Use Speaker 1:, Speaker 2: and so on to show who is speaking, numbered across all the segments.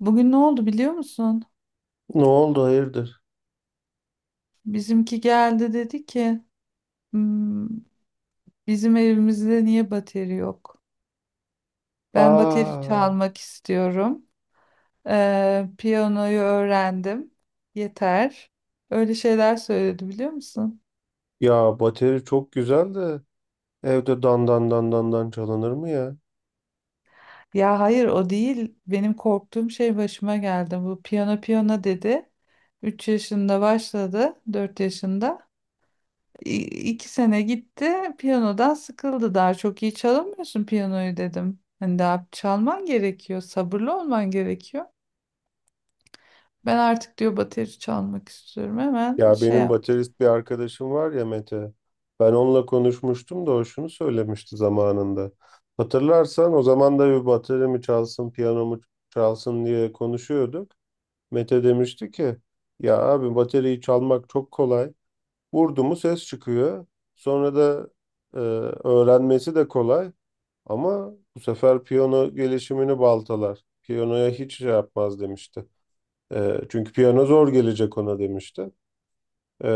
Speaker 1: Bugün ne oldu biliyor musun?
Speaker 2: Ne oldu hayırdır?
Speaker 1: Bizimki geldi dedi ki "Hmm, bizim evimizde niye bateri yok? Ben bateri
Speaker 2: Aa,
Speaker 1: çalmak istiyorum. Piyanoyu öğrendim. Yeter. Öyle şeyler söyledi biliyor musun?
Speaker 2: ya bateri çok güzel de evde dan dan dan dan dan çalınır mı ya?
Speaker 1: Ya hayır o değil. Benim korktuğum şey başıma geldi. Bu piyano piyano dedi. 3 yaşında başladı. Dört yaşında. İ- 2 sene gitti. Piyanodan sıkıldı. Daha çok iyi çalamıyorsun piyanoyu dedim. Hani daha çalman gerekiyor. Sabırlı olman gerekiyor. Ben artık diyor bateri çalmak istiyorum. Hemen
Speaker 2: Ya
Speaker 1: şey
Speaker 2: benim
Speaker 1: yap.
Speaker 2: baterist bir arkadaşım var ya Mete. Ben onunla konuşmuştum da o şunu söylemişti zamanında. Hatırlarsan o zaman da bir bateri mi çalsın, piyano mu çalsın diye konuşuyorduk. Mete demişti ki ya abi bateriyi çalmak çok kolay. Vurdu mu ses çıkıyor. Sonra da e, öğrenmesi de kolay. Ama bu sefer piyano gelişimini baltalar. Piyanoya hiç şey yapmaz demişti. Çünkü piyano zor gelecek ona demişti. E,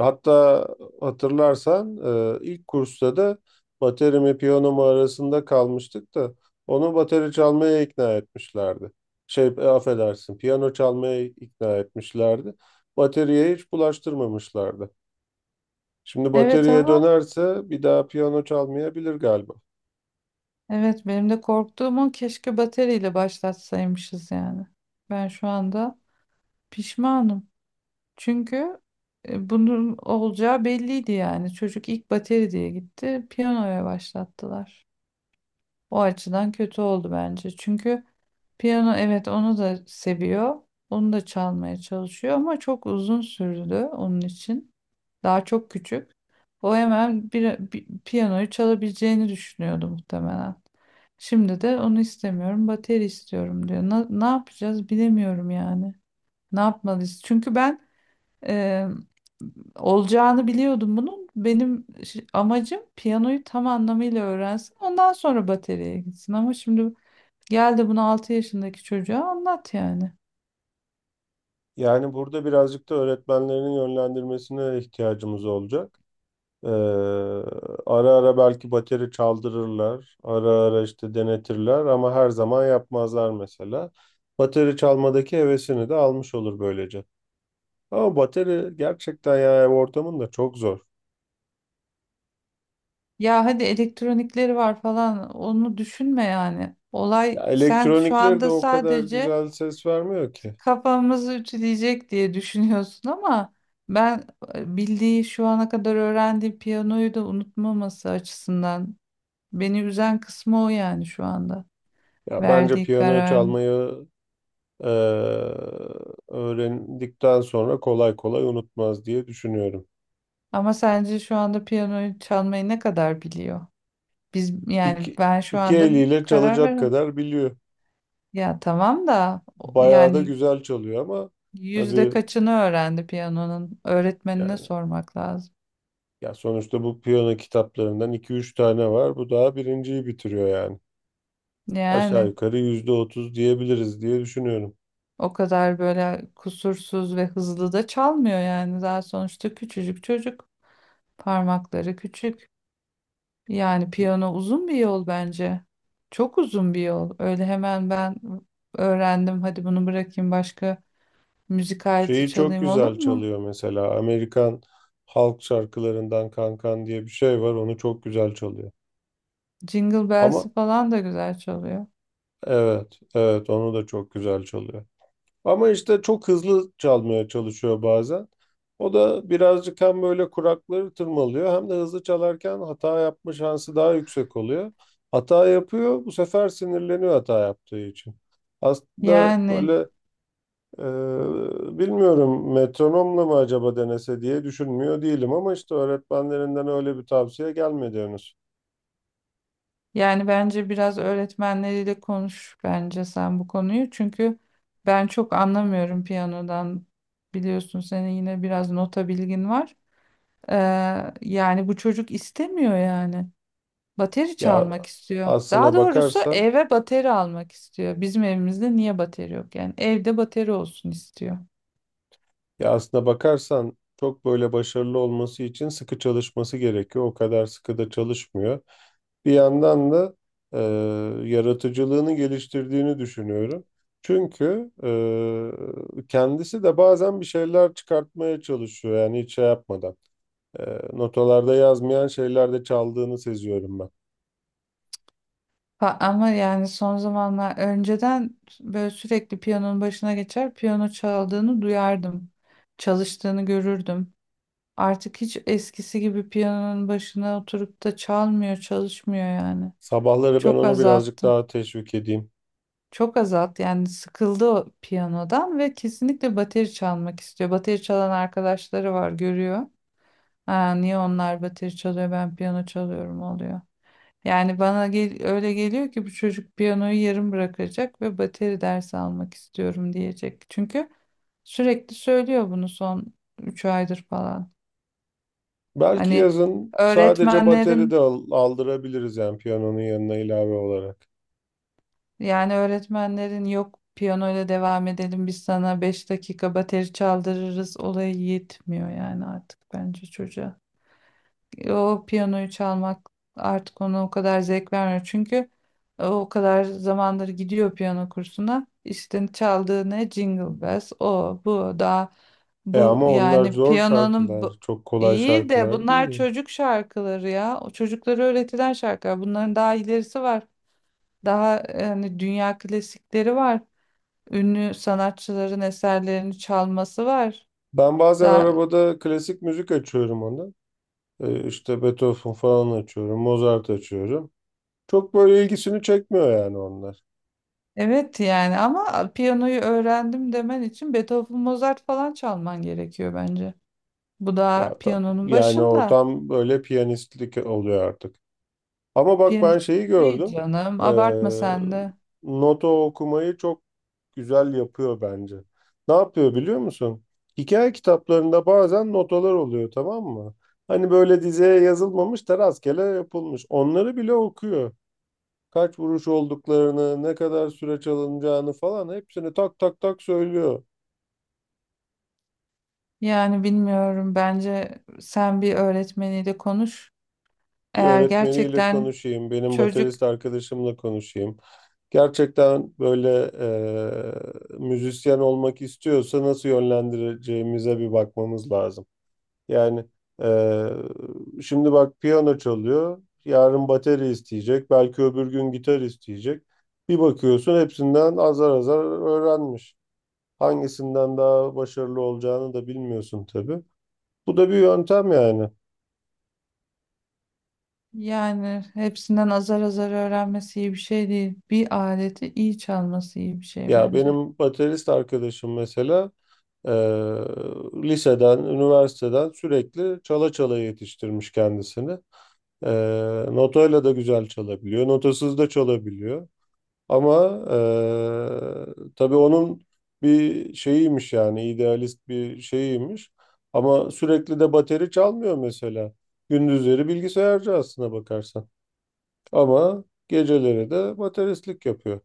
Speaker 2: Hatta hatırlarsan ilk kursta da bateri mi piyano mu arasında kalmıştık da onu bateri çalmaya ikna etmişlerdi. Şey affedersin piyano çalmaya ikna etmişlerdi. Bateriye hiç bulaştırmamışlardı. Şimdi
Speaker 1: Evet
Speaker 2: bataryaya
Speaker 1: ama
Speaker 2: dönerse bir daha piyano çalmayabilir galiba.
Speaker 1: evet benim de korktuğum o, keşke bateriyle başlatsaymışız yani. Ben şu anda pişmanım. Çünkü bunun olacağı belliydi yani. Çocuk ilk bateri diye gitti. Piyanoya başlattılar. O açıdan kötü oldu bence. Çünkü piyano, evet, onu da seviyor. Onu da çalmaya çalışıyor ama çok uzun sürdü onun için. Daha çok küçük. O hemen piyanoyu çalabileceğini düşünüyordu muhtemelen. Şimdi de onu istemiyorum, bateri istiyorum diyor. Ne yapacağız bilemiyorum yani. Ne yapmalıyız? Çünkü ben olacağını biliyordum bunun. Benim amacım piyanoyu tam anlamıyla öğrensin. Ondan sonra bataryaya gitsin. Ama şimdi gel de bunu 6 yaşındaki çocuğa anlat yani.
Speaker 2: Yani burada birazcık da öğretmenlerin yönlendirmesine ihtiyacımız olacak. Ee, Ara ara belki bateri çaldırırlar, ara ara işte denetirler ama her zaman yapmazlar mesela. Bateri çalmadaki hevesini de almış olur böylece. Ama bateri gerçekten ya ev ortamında çok zor.
Speaker 1: Ya hadi elektronikleri var falan, onu düşünme yani.
Speaker 2: Ya
Speaker 1: Olay, sen şu
Speaker 2: elektronikleri de
Speaker 1: anda
Speaker 2: o kadar
Speaker 1: sadece
Speaker 2: güzel ses vermiyor ki.
Speaker 1: kafamızı ütüleyecek diye düşünüyorsun ama ben bildiği, şu ana kadar öğrendiği piyanoyu da unutmaması açısından beni üzen kısmı o, yani şu anda
Speaker 2: Ya bence
Speaker 1: verdiği
Speaker 2: piyano
Speaker 1: karar.
Speaker 2: çalmayı e, öğrendikten sonra kolay kolay unutmaz diye düşünüyorum.
Speaker 1: Ama sence şu anda piyanoyu çalmayı ne kadar biliyor? Biz yani
Speaker 2: İki,
Speaker 1: ben şu
Speaker 2: iki
Speaker 1: anda
Speaker 2: eliyle
Speaker 1: karar
Speaker 2: çalacak
Speaker 1: veririm.
Speaker 2: kadar biliyor.
Speaker 1: Ya tamam da
Speaker 2: Bayağı da
Speaker 1: yani
Speaker 2: güzel çalıyor ama
Speaker 1: yüzde
Speaker 2: tabii
Speaker 1: kaçını öğrendi piyanonun? Öğretmenine
Speaker 2: yani
Speaker 1: sormak lazım.
Speaker 2: ya sonuçta bu piyano kitaplarından iki üç tane var. Bu daha birinciyi bitiriyor yani. Aşağı
Speaker 1: Yani
Speaker 2: yukarı %30 diyebiliriz diye düşünüyorum.
Speaker 1: o kadar böyle kusursuz ve hızlı da çalmıyor yani. Daha sonuçta küçücük çocuk. Parmakları küçük. Yani piyano uzun bir yol bence. Çok uzun bir yol. Öyle hemen ben öğrendim, hadi bunu bırakayım, başka müzik aleti
Speaker 2: Şeyi çok
Speaker 1: çalayım, olur
Speaker 2: güzel
Speaker 1: mu?
Speaker 2: çalıyor mesela. Amerikan halk şarkılarından Kankan diye bir şey var. Onu çok güzel çalıyor.
Speaker 1: Jingle
Speaker 2: Ama
Speaker 1: Bells'i falan da güzel çalıyor.
Speaker 2: evet, evet onu da çok güzel çalıyor. Ama işte çok hızlı çalmaya çalışıyor bazen. O da birazcık hem böyle kurakları tırmalıyor hem de hızlı çalarken hata yapma şansı daha yüksek oluyor. Hata yapıyor, bu sefer sinirleniyor hata yaptığı için. Aslında
Speaker 1: Yani
Speaker 2: böyle bilmiyorum metronomla mı acaba denese diye düşünmüyor değilim ama işte öğretmenlerinden öyle bir tavsiye gelmedi henüz.
Speaker 1: yani bence biraz öğretmenleriyle konuş bence sen bu konuyu. Çünkü ben çok anlamıyorum piyanodan. Biliyorsun, senin yine biraz nota bilgin var. Ee, yani bu çocuk istemiyor yani. Bateri
Speaker 2: Ya
Speaker 1: çalmak istiyor. Daha
Speaker 2: aslına
Speaker 1: doğrusu
Speaker 2: bakarsan
Speaker 1: eve bateri almak istiyor. Bizim evimizde niye bateri yok? Yani evde bateri olsun istiyor.
Speaker 2: Ya aslına bakarsan çok böyle başarılı olması için sıkı çalışması gerekiyor. O kadar sıkı da çalışmıyor. Bir yandan da e, yaratıcılığını geliştirdiğini düşünüyorum. Çünkü kendisi de bazen bir şeyler çıkartmaya çalışıyor yani hiç şey yapmadan. E, Notalarda yazmayan şeylerde çaldığını seziyorum ben.
Speaker 1: Ama yani son zamanlar, önceden böyle sürekli piyanonun başına geçer, piyano çaldığını duyardım. Çalıştığını görürdüm. Artık hiç eskisi gibi piyanonun başına oturup da çalmıyor, çalışmıyor yani.
Speaker 2: Sabahları ben
Speaker 1: Çok
Speaker 2: onu birazcık
Speaker 1: azalttı.
Speaker 2: daha teşvik edeyim.
Speaker 1: Çok azalttı, yani sıkıldı o piyanodan ve kesinlikle bateri çalmak istiyor. Bateri çalan arkadaşları var, görüyor. Ha, niye onlar bateri çalıyor ben piyano çalıyorum oluyor. Yani bana gel öyle geliyor ki bu çocuk piyanoyu yarım bırakacak ve bateri dersi almak istiyorum diyecek. Çünkü sürekli söylüyor bunu son 3 aydır falan.
Speaker 2: Belki
Speaker 1: Hani
Speaker 2: yazın sadece bateri de
Speaker 1: öğretmenlerin,
Speaker 2: aldırabiliriz yani piyanonun yanına ilave olarak.
Speaker 1: yani öğretmenlerin yok piyanoyla devam edelim biz sana 5 dakika bateri çaldırırız olayı yetmiyor yani artık bence çocuğa. O piyanoyu çalmak artık ona o kadar zevk vermiyor. Çünkü o kadar zamandır gidiyor piyano kursuna. İşte çaldığı ne? Jingle Bells. O, bu, daha
Speaker 2: E
Speaker 1: bu
Speaker 2: ama onlar
Speaker 1: yani
Speaker 2: zor
Speaker 1: piyanonun
Speaker 2: şarkılar. Çok kolay
Speaker 1: iyi de
Speaker 2: şarkılar
Speaker 1: bunlar
Speaker 2: değil.
Speaker 1: çocuk şarkıları ya. O, çocuklara öğretilen şarkılar. Bunların daha ilerisi var. Daha yani dünya klasikleri var. Ünlü sanatçıların eserlerini çalması var.
Speaker 2: Ben bazen
Speaker 1: Daha
Speaker 2: arabada klasik müzik açıyorum ona. İşte Beethoven falan açıyorum. Mozart açıyorum. Çok böyle ilgisini çekmiyor yani onlar.
Speaker 1: Evet, yani ama piyanoyu öğrendim demen için Beethoven, Mozart falan çalman gerekiyor bence. Bu da
Speaker 2: Ya tam,
Speaker 1: piyanonun
Speaker 2: yani o
Speaker 1: başında.
Speaker 2: tam böyle piyanistlik oluyor artık. Ama bak ben
Speaker 1: Piyanist
Speaker 2: şeyi
Speaker 1: değil
Speaker 2: gördüm.
Speaker 1: canım.
Speaker 2: Ee,
Speaker 1: Abartma sen de.
Speaker 2: Nota okumayı çok güzel yapıyor bence. Ne yapıyor biliyor musun? Hikaye kitaplarında bazen notalar oluyor, tamam mı? Hani böyle dizeye yazılmamış da rastgele yapılmış. Onları bile okuyor. Kaç vuruş olduklarını, ne kadar süre çalınacağını falan hepsini tak tak tak söylüyor.
Speaker 1: Yani bilmiyorum. Bence sen bir öğretmeniyle konuş.
Speaker 2: Bir
Speaker 1: Eğer
Speaker 2: öğretmeniyle
Speaker 1: gerçekten
Speaker 2: konuşayım, benim
Speaker 1: çocuk
Speaker 2: baterist arkadaşımla konuşayım. Gerçekten böyle müzisyen olmak istiyorsa nasıl yönlendireceğimize bir bakmamız lazım. Yani şimdi bak piyano çalıyor, yarın bateri isteyecek, belki öbür gün gitar isteyecek. Bir bakıyorsun hepsinden azar azar öğrenmiş. Hangisinden daha başarılı olacağını da bilmiyorsun tabii. Bu da bir yöntem yani.
Speaker 1: yani hepsinden azar azar öğrenmesi iyi bir şey değil. Bir aleti iyi çalması iyi bir şey
Speaker 2: Ya
Speaker 1: bence.
Speaker 2: benim baterist arkadaşım mesela eee, liseden, üniversiteden sürekli çala çala yetiştirmiş kendisini. Notayla da güzel çalabiliyor, notasız da çalabiliyor. Ama tabii onun bir şeyiymiş yani idealist bir şeyiymiş. Ama sürekli de bateri çalmıyor mesela. Gündüzleri bilgisayarcı aslına bakarsan. Ama geceleri de bateristlik yapıyor.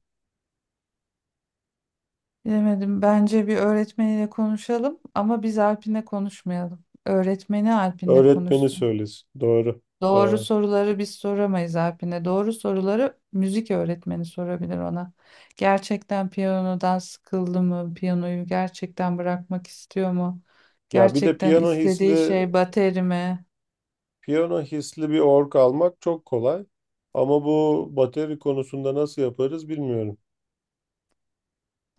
Speaker 1: Bilemedim. Bence bir öğretmeniyle konuşalım ama biz Alpin'le konuşmayalım. Öğretmeni Alpin'le
Speaker 2: Öğretmeni
Speaker 1: konuşsun.
Speaker 2: söylesin. Doğru,
Speaker 1: Doğru
Speaker 2: doğru.
Speaker 1: soruları biz soramayız Alpin'e. Doğru soruları müzik öğretmeni sorabilir ona. Gerçekten piyanodan sıkıldı mı? Piyanoyu gerçekten bırakmak istiyor mu?
Speaker 2: Ya bir de
Speaker 1: Gerçekten istediği şey bateri mi?
Speaker 2: piyano hisli bir org almak çok kolay. Ama bu bateri konusunda nasıl yaparız bilmiyorum.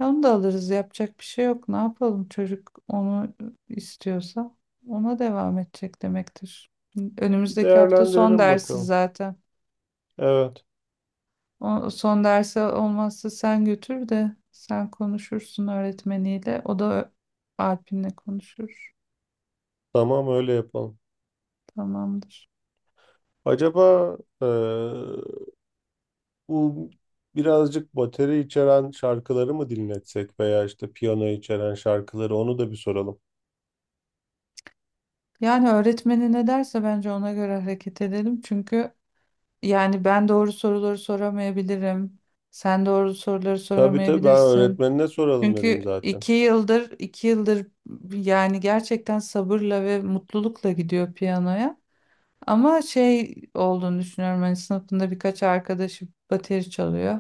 Speaker 1: Onu da alırız. Yapacak bir şey yok. Ne yapalım? Çocuk onu istiyorsa ona devam edecek demektir.
Speaker 2: Bir
Speaker 1: Önümüzdeki hafta son
Speaker 2: değerlendirelim
Speaker 1: dersi
Speaker 2: bakalım.
Speaker 1: zaten.
Speaker 2: Evet,
Speaker 1: O, son derse olmazsa sen götür de sen konuşursun öğretmeniyle. O da Alp'inle konuşur.
Speaker 2: tamam, öyle yapalım.
Speaker 1: Tamamdır.
Speaker 2: Acaba bu birazcık bateri içeren şarkıları mı dinletsek veya işte piyano içeren şarkıları onu da bir soralım.
Speaker 1: Yani öğretmeni ne derse bence ona göre hareket edelim. Çünkü yani ben doğru soruları soramayabilirim. Sen doğru soruları
Speaker 2: Tabii tabii ben
Speaker 1: soramayabilirsin.
Speaker 2: öğretmenine soralım dedim
Speaker 1: Çünkü
Speaker 2: zaten.
Speaker 1: iki yıldır yani gerçekten sabırla ve mutlulukla gidiyor piyanoya. Ama şey olduğunu düşünüyorum. Hani sınıfında birkaç arkadaşı bateri çalıyor.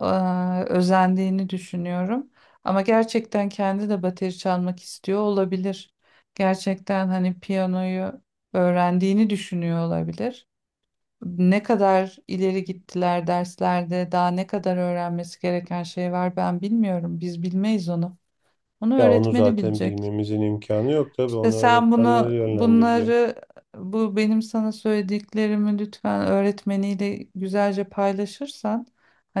Speaker 1: Özendiğini düşünüyorum. Ama gerçekten kendi de bateri çalmak istiyor olabilir. Gerçekten hani piyanoyu öğrendiğini düşünüyor olabilir. Ne kadar ileri gittiler derslerde, daha ne kadar öğrenmesi gereken şey var ben bilmiyorum. Biz bilmeyiz onu. Onu
Speaker 2: Ya onu
Speaker 1: öğretmeni
Speaker 2: zaten
Speaker 1: bilecek.
Speaker 2: bilmemizin imkanı yok tabii,
Speaker 1: İşte
Speaker 2: onu
Speaker 1: sen
Speaker 2: öğretmenleri
Speaker 1: bunu
Speaker 2: yönlendirecek.
Speaker 1: bunları benim sana söylediklerimi lütfen öğretmeniyle güzelce paylaşırsan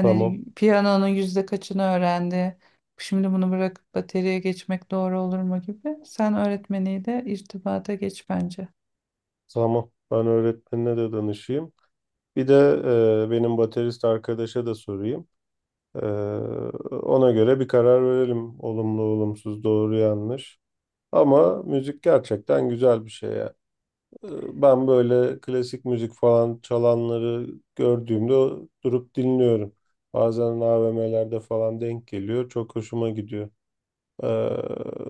Speaker 2: Tamam.
Speaker 1: piyanonun yüzde kaçını öğrendi, şimdi bunu bırakıp bateriye geçmek doğru olur mu gibi, sen öğretmeniyle irtibata geç bence.
Speaker 2: Tamam. Ben öğretmenine de danışayım. Bir de benim baterist arkadaşa da sorayım. E, Ona göre bir karar verelim. Olumlu, olumsuz, doğru, yanlış. Ama müzik gerçekten güzel bir şey ya. E, Ben böyle klasik müzik falan çalanları gördüğümde durup dinliyorum. Bazen AVM'lerde falan denk geliyor. Çok hoşuma gidiyor. E,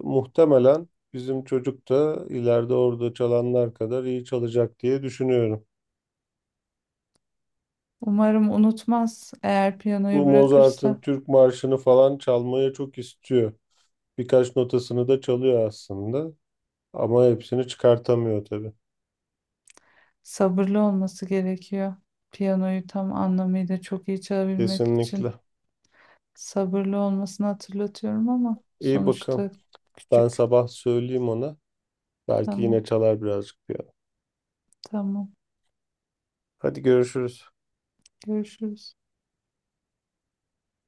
Speaker 2: Muhtemelen bizim çocuk da ileride orada çalanlar kadar iyi çalacak diye düşünüyorum.
Speaker 1: Umarım unutmaz. Eğer
Speaker 2: Bu
Speaker 1: piyanoyu
Speaker 2: Mozart'ın
Speaker 1: bırakırsa
Speaker 2: Türk Marşı'nı falan çalmaya çok istiyor. Birkaç notasını da çalıyor aslında. Ama hepsini çıkartamıyor tabii.
Speaker 1: sabırlı olması gerekiyor. Piyanoyu tam anlamıyla çok iyi çalabilmek
Speaker 2: Kesinlikle.
Speaker 1: için sabırlı olmasını hatırlatıyorum ama
Speaker 2: İyi bakalım.
Speaker 1: sonuçta
Speaker 2: Ben
Speaker 1: küçük.
Speaker 2: sabah söyleyeyim ona. Belki
Speaker 1: Tamam,
Speaker 2: yine çalar birazcık piyano.
Speaker 1: tamam.
Speaker 2: Hadi görüşürüz.
Speaker 1: Görüşürüz.